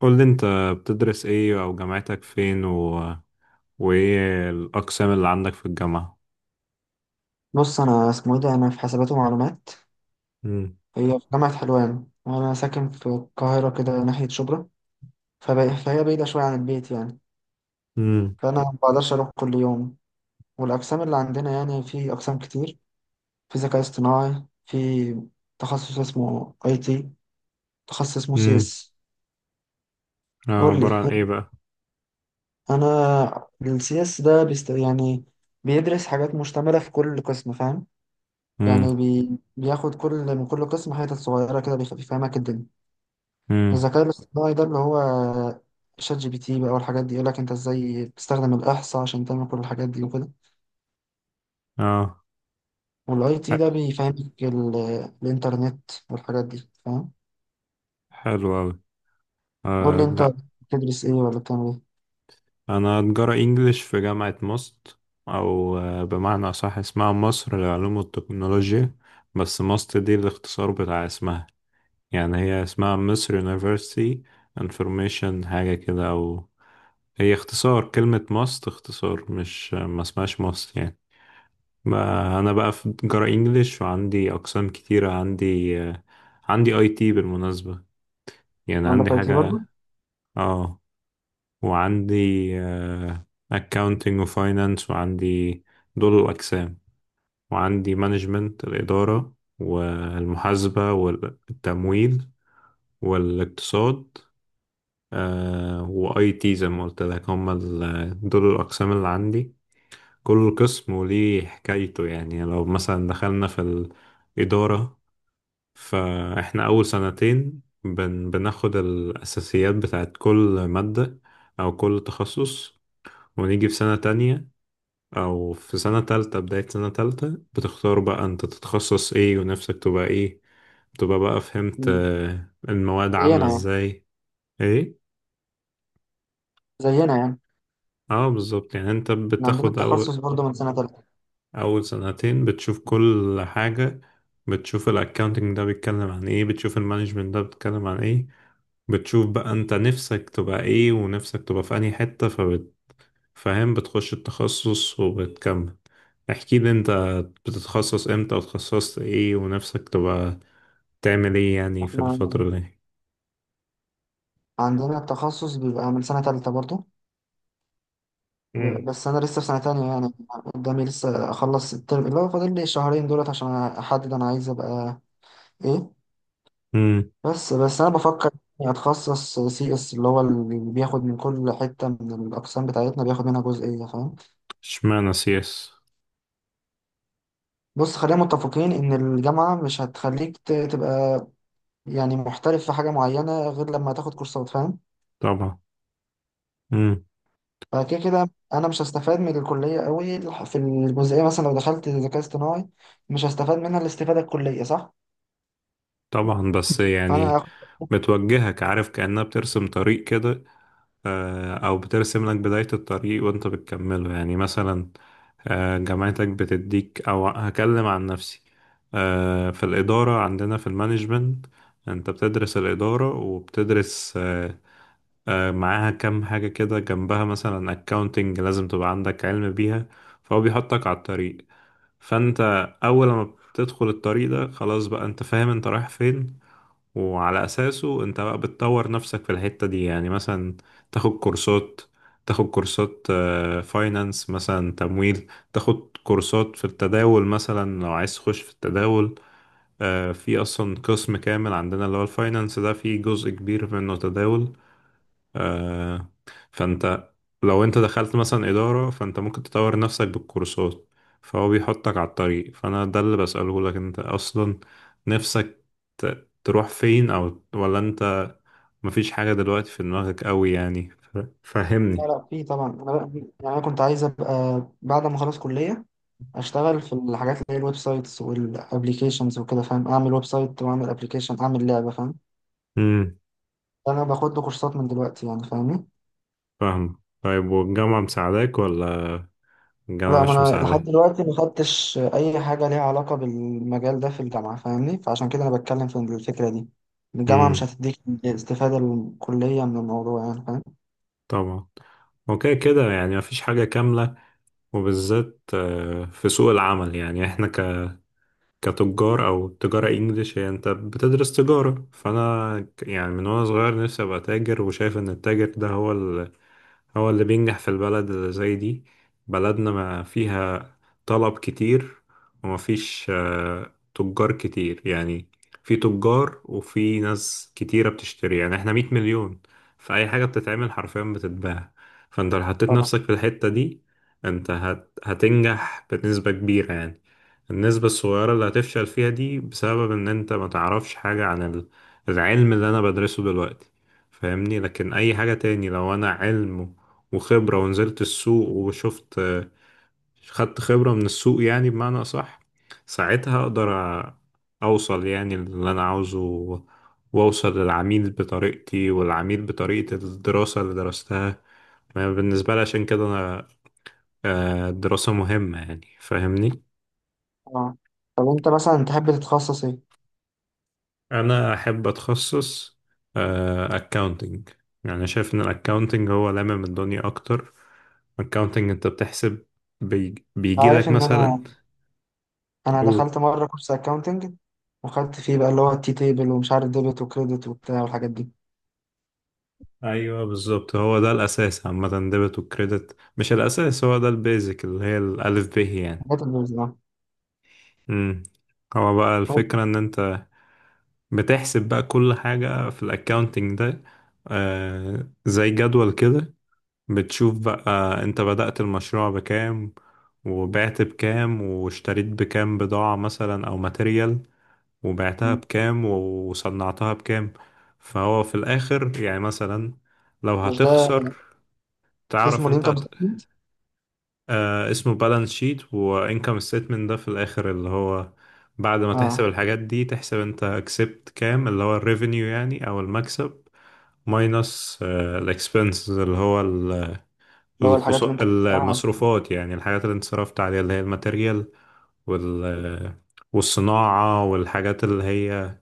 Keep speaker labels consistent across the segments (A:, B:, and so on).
A: قول لي انت، بتدرس ايه، او جامعتك فين، وايه الاقسام اللي عندك في الجامعة؟
B: بص، انا اسمه ايه ده، انا في حسابات ومعلومات.
A: امم،
B: هي في جامعة حلوان وانا ساكن في القاهرة كده ناحية شبرا. فهي بعيدة شوية عن البيت يعني.
A: امم،
B: فانا ما بقدرش اروح كل يوم. والاقسام اللي عندنا يعني في اقسام كتير، في ذكاء اصطناعي، في تخصص اسمه اي تي، تخصص اسمه سي
A: امم،
B: اس.
A: اه،
B: قول
A: عبارة
B: لي.
A: عن ايه بقى؟
B: انا السي اس ده بيست يعني، بيدرس حاجات مشتملة في كل قسم، فاهم؟
A: امم،
B: يعني بياخد كل من كل قسم حتت صغيرة كده، بيفهمك الدنيا.
A: امم،
B: الذكاء الاصطناعي ده اللي هو شات جي بي تي بقى والحاجات دي، يقولك انت ازاي بتستخدم الاحصاء عشان تعمل كل الحاجات دي وكده.
A: اه،
B: والاي تي ده
A: ح-
B: بيفهمك الانترنت والحاجات دي، فاهم؟
A: حلو اوي.
B: قول
A: آه،
B: لي انت،
A: لا.
B: بتدرس ايه ولا بتعمل ايه؟
A: انا تجارة انجليش في جامعة ماست، او بمعنى اصح اسمها مصر للعلوم والتكنولوجيا. بس ماست دي الاختصار بتاع اسمها، يعني هي اسمها مصر University Information حاجة كده، او هي اختصار كلمة ماست، اختصار، مش ما اسمهاش ماست يعني.
B: آه،
A: ما انا بقى في جرا انجليش وعندي اقسام كتيرة، عندي عندي اي تي بالمناسبة، يعني عندي
B: عندك اي تي برضه.
A: حاجة، اه، وعندي اكاونتنج وفاينانس، وعندي دول الاقسام، وعندي مانجمنت، الإدارة والمحاسبة والتمويل والاقتصاد، واي تي زي ما قلت لك، هم دول الاقسام اللي عندي. كل قسم وليه حكايته، يعني لو مثلا دخلنا في الإدارة، فإحنا أول سنتين بناخد الأساسيات بتاعت كل مادة أو كل تخصص، ونيجي في سنة تانية أو في سنة تالتة، بداية سنة تالتة بتختار بقى أنت تتخصص إيه ونفسك تبقى إيه، تبقى بقى، فهمت
B: مم.
A: المواد عاملة
B: زينا يعني.
A: إزاي؟ إيه؟
B: زينا يعني.
A: اه، بالظبط. يعني انت
B: احنا عندنا
A: بتاخد، أو
B: التخصص برضه من سنة تالتة.
A: أول سنتين بتشوف كل حاجة، بتشوف الأكاونتنج ده بيتكلم عن إيه، بتشوف المانجمنت ده بيتكلم عن إيه، بتشوف بقى أنت نفسك تبقى إيه ونفسك تبقى في أنهي حتة، فبتفهم بتخش التخصص وبتكمل. احكي لي أنت، بتتخصص إمتى، وتخصصت إيه، ونفسك تبقى تعمل إيه يعني في
B: احنا
A: الفترة دي؟
B: عندنا التخصص بيبقى من سنة تالتة برضه.
A: مم.
B: بس انا لسه في سنة تانية يعني، قدامي لسه اخلص الترم اللي هو فاضل لي الشهرين دولت عشان احدد انا عايز ابقى ايه.
A: امم
B: بس انا بفكر إني اتخصص سي اس، اللي هو اللي بياخد من كل حته من الاقسام بتاعتنا، بياخد منها جزئيه، فاهم؟
A: اشمعنى سياس؟
B: بص، خلينا متفقين ان الجامعه مش هتخليك تبقى يعني محترف في حاجه معينه غير لما تاخد كورسات، فاهم؟
A: طبعا. امم
B: فكده كده انا مش هستفاد من الكليه قوي، في الجزئيه، مثلا لو دخلت ذكاء اصطناعي مش هستفاد منها الاستفاده الكليه، صح؟
A: طبعا، بس
B: فانا
A: يعني
B: هاخد-
A: بتوجهك، عارف، كأنها بترسم طريق كده، أو بترسم لك بداية الطريق وأنت بتكمله، يعني مثلا جامعتك بتديك، أو هكلم عن نفسي، في الإدارة عندنا في المانجمنت، أنت بتدرس الإدارة وبتدرس معاها كام حاجة كده جنبها، مثلا أكاونتنج لازم تبقى عندك علم بيها، فهو بيحطك على الطريق. فأنت أول ما بتدخل الطريق ده خلاص بقى أنت فاهم أنت رايح فين، وعلى أساسه أنت بقى بتطور نفسك في الحتة دي، يعني مثلا تاخد كورسات، تاخد كورسات فاينانس مثلا، تمويل، تاخد كورسات في التداول مثلا لو عايز تخش في التداول. في أصلا قسم كامل عندنا اللي هو الفاينانس ده، فيه جزء كبير منه تداول. آه، فانت لو انت دخلت مثلا إدارة، فانت ممكن تطور نفسك بالكورسات، فهو بيحطك على الطريق، فانا ده اللي بسأله لك انت اصلا، نفسك تروح فين، او ولا انت مفيش حاجة دلوقتي في دماغك قوي يعني،
B: لا
A: فهمني.
B: لا في طبعا. يعني انا كنت عايز ابقى بعد ما اخلص كليه اشتغل في الحاجات اللي هي الويب سايتس والابليكيشنز وكده، فاهم؟ اعمل ويب سايت واعمل ابليكيشن، اعمل لعبه، فاهم؟
A: امم
B: انا باخد له كورسات من دلوقتي يعني، فاهمني؟
A: فاهم. طيب، والجامعة مساعداك ولا الجامعة
B: لا، ما
A: مش
B: انا لحد
A: مساعداك؟
B: دلوقتي ما خدتش اي حاجه ليها علاقه بالمجال ده في الجامعه، فاهمني؟ فعشان كده انا بتكلم في الفكره دي. الجامعه مش
A: امم.
B: هتديك استفاده الكليه من الموضوع يعني، فاهم؟
A: طبعا. اوكي كده، يعني مفيش حاجة كاملة، وبالذات في سوق العمل. يعني احنا كتجار، او تجارة انجليش هي، انت بتدرس تجارة، فانا يعني من وانا صغير نفسي ابقى تاجر، وشايف ان التاجر ده هو هو اللي بينجح في البلد اللي زي دي. بلدنا ما فيها طلب كتير، وما فيش تجار كتير، يعني في تجار وفي ناس كتيرة بتشتري، يعني احنا 100 مليون، فأي حاجة بتتعمل حرفيا بتتباع. فانت لو حطيت
B: طبعا.
A: نفسك في الحتة دي، انت هتنجح بنسبة كبيرة يعني، النسبة الصغيرة اللي هتفشل فيها دي بسبب ان انت ما تعرفش حاجة عن العلم اللي انا بدرسه دلوقتي، فاهمني. لكن اي حاجة تاني، لو انا علم وخبرة ونزلت السوق وشفت، خدت خبرة من السوق يعني بمعنى أصح، ساعتها أقدر أ- أوصل يعني اللي أنا عاوزه، وأوصل للعميل بطريقتي، والعميل بطريقة الدراسة اللي درستها. ما بالنسبة لي عشان كده أنا، الدراسة مهمة يعني، فاهمني.
B: اه. طب انت مثلا تحب تتخصص ايه؟
A: أنا أحب أتخصص أكاونتنج، يعني شايف إن الأكاونتنج هو لامم الدنيا أكتر. أكاونتنج أنت بتحسب، بيجي
B: عارف
A: لك
B: ان انا
A: مثلا،
B: انا دخلت مره كورس اكاونتنج وخدت فيه بقى اللي هو التي تيبل ومش عارف ديبت وكريدت وبتاع والحاجات دي،
A: ايوه بالظبط، هو ده الاساس عامه، ديبت وكريدت، مش الاساس، هو ده البيزك اللي هي الالف ب يعني.
B: حاجات البيزنس.
A: امم هو بقى
B: هو-
A: الفكره ان انت بتحسب بقى كل حاجه في الاكاونتنج ده، زي جدول كده، بتشوف بقى انت بدأت المشروع بكام، وبعت بكام، واشتريت بكام بضاعه مثلا او ماتيريال، وبعتها بكام وصنعتها بكام، فهو في الاخر يعني مثلا لو
B: مش ده
A: هتخسر، تعرف
B: اسمه
A: انت،
B: الانكم ستيتمنت؟
A: آه، اسمه بالانس شيت وانكم ستيتمنت، ده في الاخر اللي هو بعد ما تحسب
B: اه.
A: الحاجات دي، تحسب انت كسبت كام اللي هو الريفينيو يعني او المكسب، ماينس الاكسبنسز اللي هو
B: اللي هو الحاجات اللي انت بتدفعها عشان.
A: المصروفات، يعني الحاجات اللي انت صرفت عليها، اللي هي الماتيريال وال... آه، والصناعة والحاجات اللي هي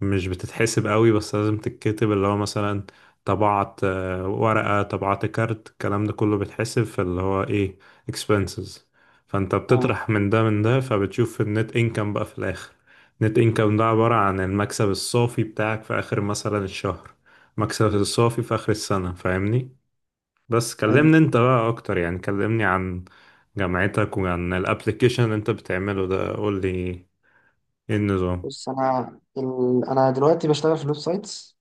A: مش بتتحسب قوي، بس لازم تتكتب، اللي هو مثلا طبعت ورقة، طبعت كارت، الكلام ده كله بيتحسب في اللي هو ايه، expenses. فانت
B: اه.
A: بتطرح من ده من ده، فبتشوف النت انكم بقى في الاخر، النت انكم ده عبارة عن المكسب الصافي بتاعك في اخر مثلا الشهر، مكسب الصافي في اخر السنة، فاهمني. بس
B: حلو.
A: كلمني انت بقى اكتر، يعني كلمني عن جامعتك وعن الابليكيشن اللي انت بتعمله ده، قول لي ايه النظام.
B: بص، انا دلوقتي بشتغل في الويب سايتس.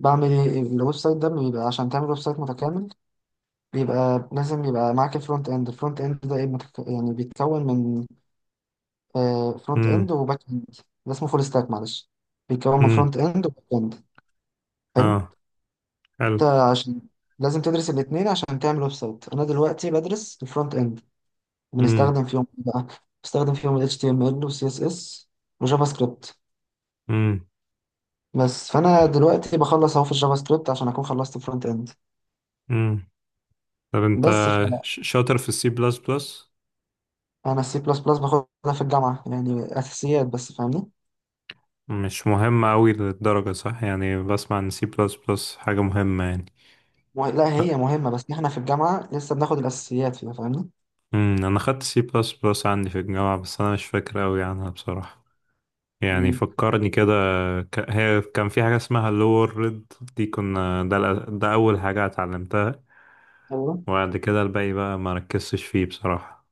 B: بعمل ايه؟ الويب سايت ده بيبقى، عشان تعمل ويب سايت متكامل، بيبقى لازم يبقى معاك الفرونت اند. الفرونت اند ده ايه؟ يعني بيتكون من آه فرونت
A: امم،
B: اند وباك اند. ده اسمه فول ستاك، معلش. بيتكون من
A: امم،
B: فرونت اند وباك اند. حلو.
A: اه، حلو،
B: انت عشان لازم تدرس الاثنين عشان تعمل ويب سايت. انا دلوقتي بدرس الفرونت اند.
A: امم،
B: بنستخدم فيهم إيه بقى؟ بنستخدم فيهم ال HTML وال CSS وجافا سكريبت.
A: امم،
B: بس فانا دلوقتي بخلص اهو في الجافا سكريبت عشان اكون خلصت فرونت اند.
A: امم. طب انت
B: بس فانا.
A: شاطر في السي بلس بلس؟
B: السي بلس بلس باخدها في الجامعه، يعني اساسيات بس، فاهمني؟
A: مش مهم قوي للدرجة صح، يعني بسمع ان سي بلس بلس حاجة مهمة يعني.
B: لا، هي مهمه بس احنا في الجامعه لسه بناخد الاساسيات فيها، فاهمني؟
A: انا خدت سي بلس بلس عندي في الجامعة، بس انا مش فاكر قوي عنها بصراحة، يعني
B: مم.
A: فكرني كده. هي كان في حاجة اسمها لور ريد، دي كنا ده، ده اول حاجة اتعلمتها،
B: ايوه.
A: وبعد كده الباقي بقى ما ركزتش فيه بصراحة.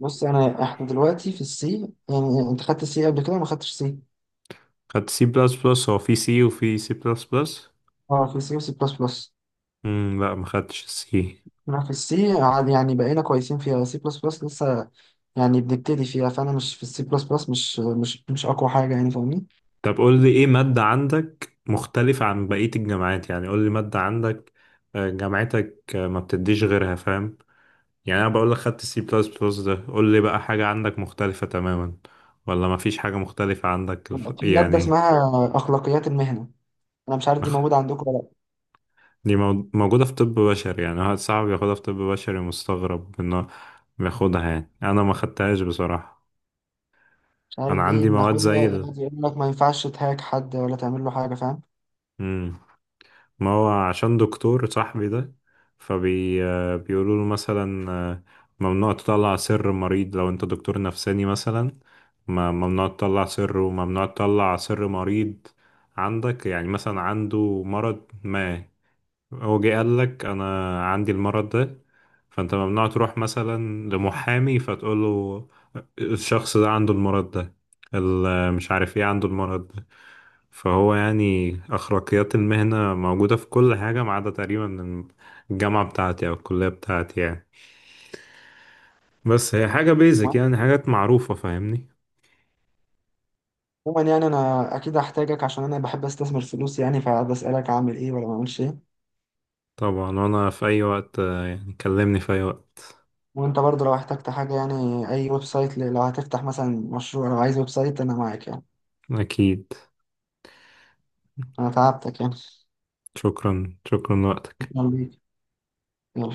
B: بص، انا احنا دلوقتي في السي. يعني انت خدت السي قبل كده ولا ما خدتش سي؟
A: خدت سي بلس بلس، هو في سي وفي سي بلس بلس.
B: اه، في سي وسي بلس بلس.
A: امم. لا، ما خدتش السي.
B: انا في السي عاد، يعني بقينا كويسين فيها. سي بلس بلس لسه يعني بنبتدي فيها، فانا مش في السي بلس بلس مش اقوى حاجه يعني، فاهمني؟
A: طب قول لي ايه مادة عندك مختلفة عن بقية الجامعات، يعني قول لي مادة عندك، جامعتك ما بتديش غيرها، فاهم؟ يعني انا بقول لك خدت السي بلس بلس ده، قول لي بقى حاجة عندك مختلفة تماما، ولا ما فيش حاجة مختلفة عندك
B: في ماده
A: يعني.
B: اسمها اخلاقيات المهنه، انا مش عارف دي
A: نخ-
B: موجوده عندكم ولا لا.
A: دي موجودة في طب بشري، يعني واحد صاحبي بياخدها في طب بشري، مستغرب انه بياخدها، يعني انا ما خدتهاش بصراحة.
B: مش
A: انا
B: عارف، دي
A: عندي مواد
B: بناخدها،
A: زي
B: يقعد يقول لك ما ينفعش تهاك حد ولا تعمل له حاجه، فاهم؟
A: مم. ما هو عشان دكتور صاحبي ده، فبي آه، بيقولوا له مثلا ممنوع تطلع سر مريض لو انت دكتور نفساني مثلا، ممنوع تطلع سر، وممنوع تطلع سر مريض عندك، يعني مثلا عنده مرض ما، هو جه قال لك انا عندي المرض ده، فانت ممنوع تروح مثلا لمحامي فتقول له الشخص ده عنده المرض ده، مش عارف ايه عنده المرض ده. فهو يعني أخلاقيات المهنة موجودة في كل حاجة ما عدا تقريبا الجامعة بتاعتي أو الكلية بتاعتي يعني، بس هي حاجة بيزك، يعني حاجات معروفة، فاهمني.
B: عموما يعني انا اكيد هحتاجك، عشان انا بحب استثمر فلوس يعني، فبسالك اعمل ايه ولا ما اعملش ايه.
A: طبعا، وأنا في أي وقت، يعني كلمني في أي وقت.
B: وانت برضه لو احتجت حاجه يعني، اي ويب سايت لو هتفتح مثلا مشروع، لو عايز ويب سايت انا معاك يعني.
A: أكيد.
B: انا تعبتك يعني.
A: شكرا، شكرا لوقتك.
B: شكرا ليك.